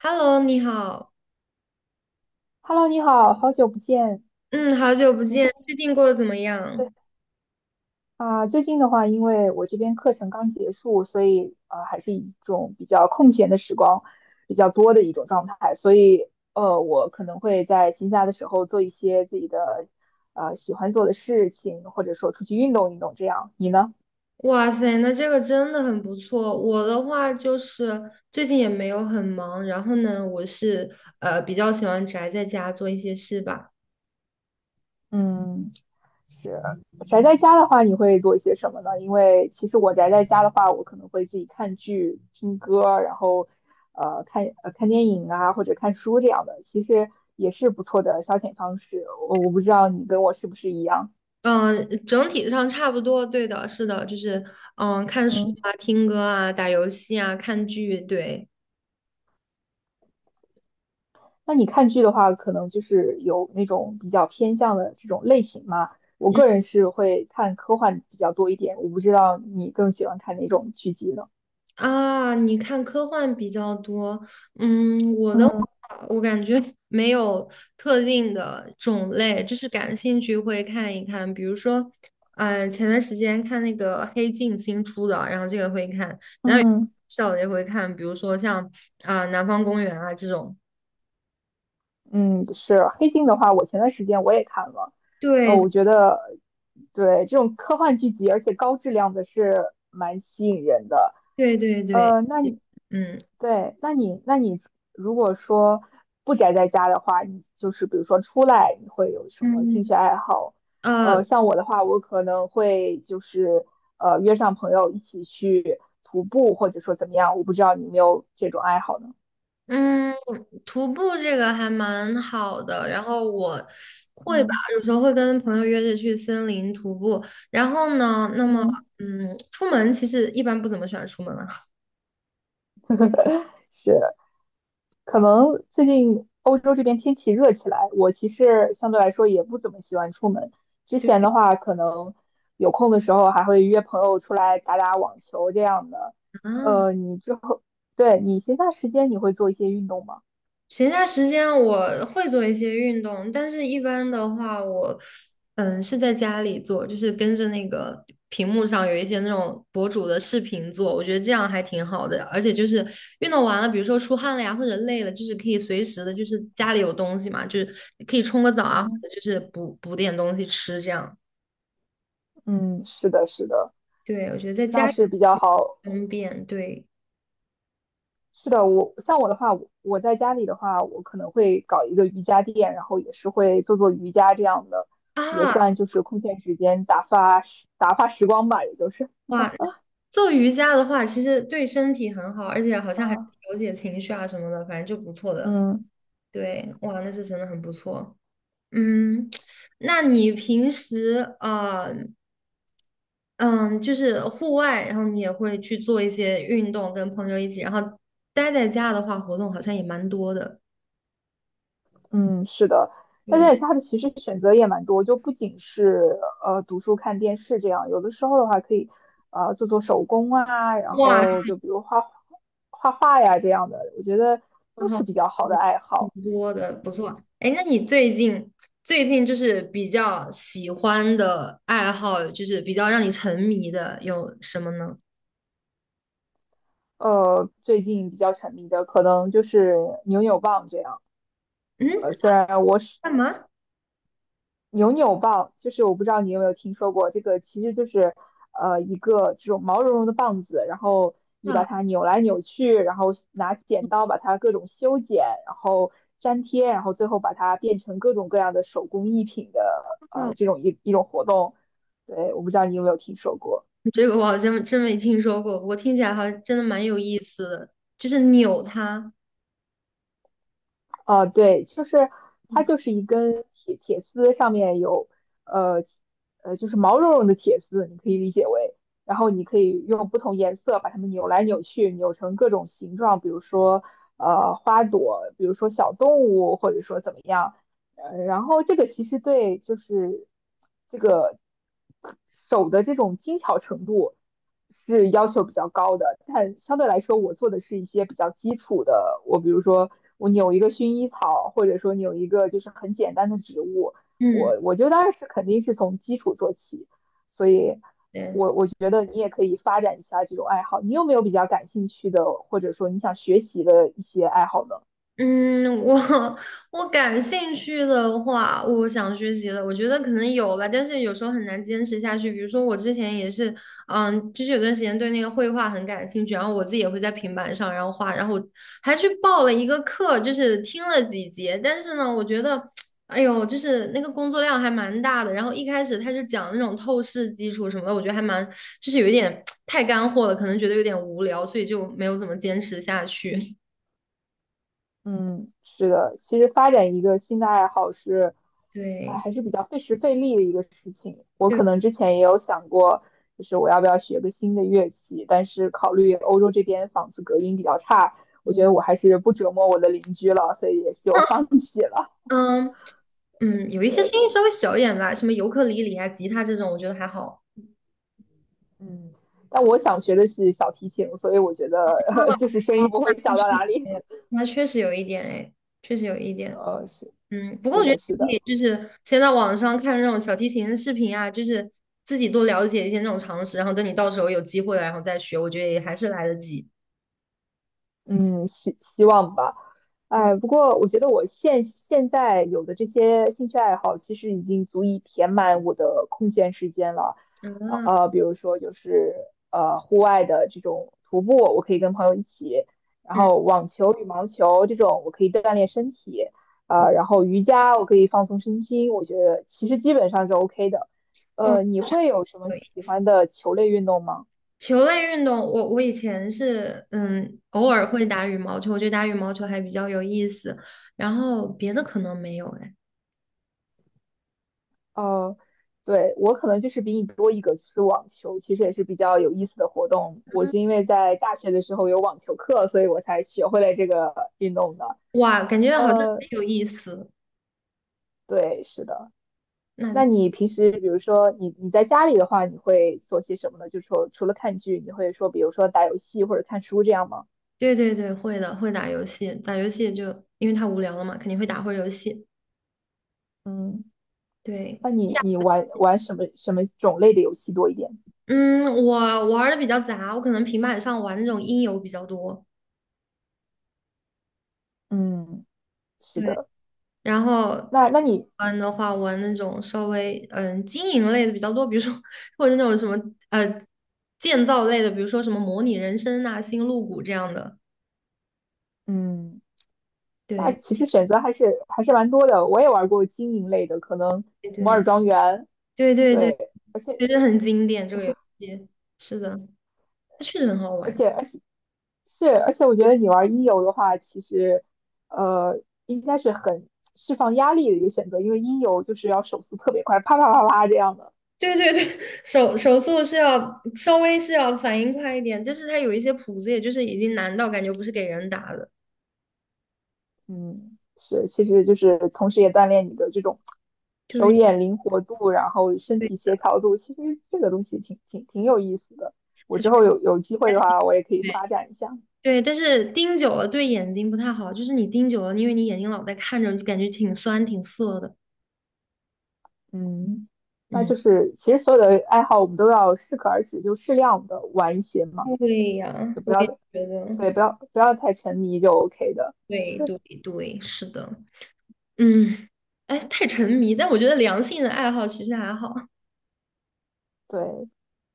Hello，你好，Hello，你好，好久不见。嗯，好久不你见，最最近过得怎么近样？啊，最近的话，因为我这边课程刚结束，所以还是一种比较空闲的时光比较多的一种状态，所以我可能会在闲暇的时候做一些自己的喜欢做的事情，或者说出去运动运动这样。你呢？哇塞，那这个真的很不错。我的话就是最近也没有很忙，然后呢，我是比较喜欢宅在家做一些事吧。嗯。是宅在家的话，你会做些什么呢？因为其实我宅在家的话，我可能会自己看剧、听歌，然后看电影啊，或者看书这样的，其实也是不错的消遣方式。我不知道你跟我是不是一样。嗯，整体上差不多，对的，是的，就是看书嗯，啊、听歌啊、打游戏啊、看剧，对。那你看剧的话，可能就是有那种比较偏向的这种类型嘛。我个嗯。人是会看科幻比较多一点，我不知道你更喜欢看哪种剧集呢？啊，你看科幻比较多，嗯，我的话，嗯我感觉 没有特定的种类，就是感兴趣会看一看。比如说，前段时间看那个《黑镜》新出的，然后这个会看，然后嗯。笑的也会看，比如说像南方公园》啊这种。嗯，是黑镜的话，我前段时间我也看了，对我觉得对这种科幻剧集，而且高质量的是蛮吸引人的。对对对，呃，那你嗯。对，那你如果说不宅在家的话，你就是比如说出来，你会有什么兴趣嗯，爱好？呃。像我的话，我可能会就是约上朋友一起去徒步，或者说怎么样，我不知道你有没有这种爱好呢？嗯，徒步这个还蛮好的，然后我会吧，嗯有时候会跟朋友约着去森林徒步。然后呢，那么嗯，出门其实一般不怎么喜欢出门了。是。可能最近欧洲这边天气热起来，我其实相对来说也不怎么喜欢出门。之 对前的话，可能有空的时候还会约朋友出来打打网球这样的。啊，呃，你之后，对，你闲暇时间你会做一些运动吗？闲暇时间我会做一些运动，但是一般的话我，是在家里做，就是跟着那个屏幕上有一些那种博主的视频做，我觉得这样还挺好的。而且就是运动完了，比如说出汗了呀，或者累了，就是可以随时的，就是家里有东西嘛，就是可以冲个澡啊，嗯或者就是补补点东西吃这样。嗯，是的，是的，对，我觉得在那家里是比较好。方便。对是的，我像我的话，我在家里的话，我可能会搞一个瑜伽垫，然后也是会做做瑜伽这样的，也啊，算就是空闲时间打发时光吧，也就是。哇，做瑜伽的话，其实对身体很好，而且好像还啊，调节情绪啊什么的，反正就不错的。嗯对，哇，那是真的很不错。嗯，那你平时嗯，就是户外，然后你也会去做一些运动，跟朋友一起，然后待在家的话，活动好像也蛮多的。嗯，是的，但对，是它的其实选择也蛮多，就不仅是读书、看电视这样，有的时候的话可以做做手工啊，然哇，后就比如画画呀这样的，我觉得然都后是比较好的爱挺好。多的，不错。哎，那你最近就是比较喜欢的爱好，就是比较让你沉迷的有什么呢？最近比较沉迷的可能就是扭扭棒这样。嗯，呃，虽然我干嘛？扭扭棒，就是我不知道你有没有听说过，这个其实就是一个这种毛茸茸的棒子，然后你啊，把啊它扭来扭去，然后拿剪刀把它各种修剪，然后粘贴，然后最后把它变成各种各样的手工艺品的这种一种活动。对，我不知道你有没有听说过。这个我好像真没听说过，我听起来好像真的蛮有意思的，就是扭它。对，就是它就是一根铁丝，上面有呃就是毛茸茸的铁丝，你可以理解为，然后你可以用不同颜色把它们扭来扭去，扭成各种形状，比如说花朵，比如说小动物，或者说怎么样，然后这个其实对就是这个手的这种精巧程度。是要求比较高的，但相对来说，我做的是一些比较基础的。我比如说，我扭一个薰衣草，或者说扭一个就是很简单的植物，嗯，我觉得当然是肯定是从基础做起。所以对。我觉得你也可以发展一下这种爱好。你有没有比较感兴趣的，或者说你想学习的一些爱好呢？嗯，我 我感兴趣的话，我想学习的，我觉得可能有吧，但是有时候很难坚持下去。比如说我之前也是，嗯，就是有段时间对那个绘画很感兴趣，然后我自己也会在平板上然后画，然后我还去报了一个课，就是听了几节，但是呢，我觉得，哎呦，就是那个工作量还蛮大的。然后一开始他就讲那种透视基础什么的，我觉得还蛮，就是有一点太干货了，可能觉得有点无聊，所以就没有怎么坚持下去。嗯，是的，其实发展一个新的爱好是，啊，对。还是比较费时费力的一个事情。我对。可能之前也有想过，就是我要不要学个新的乐器，但是考虑欧洲这边房子隔音比较差，我觉得我还是不折磨我的邻居了，所以也就 放弃了。嗯嗯，有一些对，声音稍微小一点吧，什么尤克里里啊、吉他这种，我觉得还好。嗯，但我想学的是小提琴，所以我觉得，就是声音哦，不会那小到确实，哪里。那确实有一点哎，确实有一点。是，嗯，不过是我觉的，得是你可的。以就是先在网上看那种小提琴的视频啊，就是自己多了解一些那种常识，然后等你到时候有机会了，然后再学，我觉得也还是来得及。嗯，希望吧。对，哎，不过我觉得我现在有的这些兴趣爱好，其实已经足以填满我的空闲时间了。啊，比如说就是户外的这种徒步，我可以跟朋友一起；然嗯，后网球、羽毛球这种，我可以锻炼身体。哦然后瑜伽，我可以放松身心。我觉得其实基本上是 OK 的。哦。你会有什么喜欢的球类运动吗？球类运动，我以前是偶尔会打羽毛球，我觉得打羽毛球还比较有意思，然后别的可能没有哎，哦，对，我可能就是比你多一个，就是网球，其实也是比较有意思的活动。我是因为在大学的时候有网球课，所以我才学会了这个运动的。哇，感觉好像很呃，有意思。对，是的。那那你平时，比如说你在家里的话，你会做些什么呢？就说除了看剧，你会说，比如说打游戏或者看书这样吗？对对对，会的，会打游戏，打游戏就因为太无聊了嘛，肯定会打会儿游戏。嗯，对，那你玩什么种类的游戏多一点？嗯，我玩的比较杂，我可能平板上玩那种音游比较多。嗯，是对的。然后那那你，玩的话，玩那种稍微经营类的比较多，比如说或者那种什么呃建造类的，比如说什么模拟人生呐、星露谷这样的。嗯。那对其实选择还是蛮多的。我也玩过经营类的，可能对摩对尔庄园，对对对，对，而且觉得很经典这个游戏。是的，它确实很好而玩。且而且是，而且我觉得你玩音游的话，其实呃应该是很释放压力的一个选择，因为音游就是要手速特别快，啪啪啪啪这样的。对对对，手速是要稍微是要反应快一点，但是它有一些谱子，也就是已经难到感觉不是给人打的。嗯，是，其实就是同时也锻炼你的这种手对眼灵活度，然后身对，体协调度。其实这个东西挺有意思的。我它确之后有机会的话，我也可以实。发展一下。对，但是盯久了对眼睛不太好，就是你盯久了，因为你眼睛老在看着，就感觉挺酸挺涩的。嗯，那就嗯是其实所有的爱好我们都要适可而止，就适量的玩一些嘛，对呀，就不我要也觉得，对，不要太沉迷就 OK 的。对对对，是的，嗯，哎，太沉迷，但我觉得良性的爱好其实还好。对，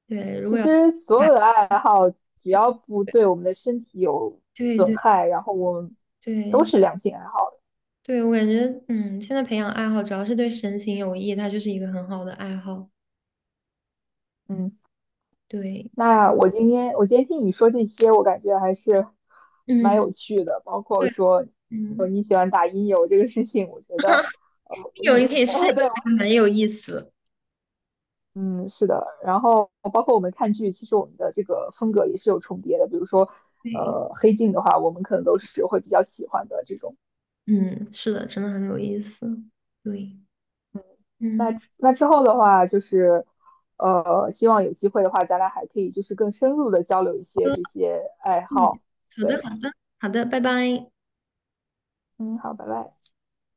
对，如其果要 实所 有的爱好只要不对我们的身体有对损对害，然后我们都对是良性爱好的。对，我感觉现在培养爱好主要是对身心有益，它就是一个很好的爱好。嗯，对，那我今天听你说这些，我感觉还是蛮嗯有趣的，包括对说嗯，你喜欢打音游这个事情，我觉得呃我有一 你可以试一 下，对蛮有意思。嗯，是的，然后包括我们看剧，其实我们的这个风格也是有重叠的。比如说，对。黑镜的话，我们可能都是会比较喜欢的这种。嗯，是的，真的很有意思。对，嗯，那之后的话，就是希望有机会的话，咱俩还可以就是更深入的交流一些这些爱嗯，好。好的，好对，的，好的，拜拜。嗯，好，拜拜。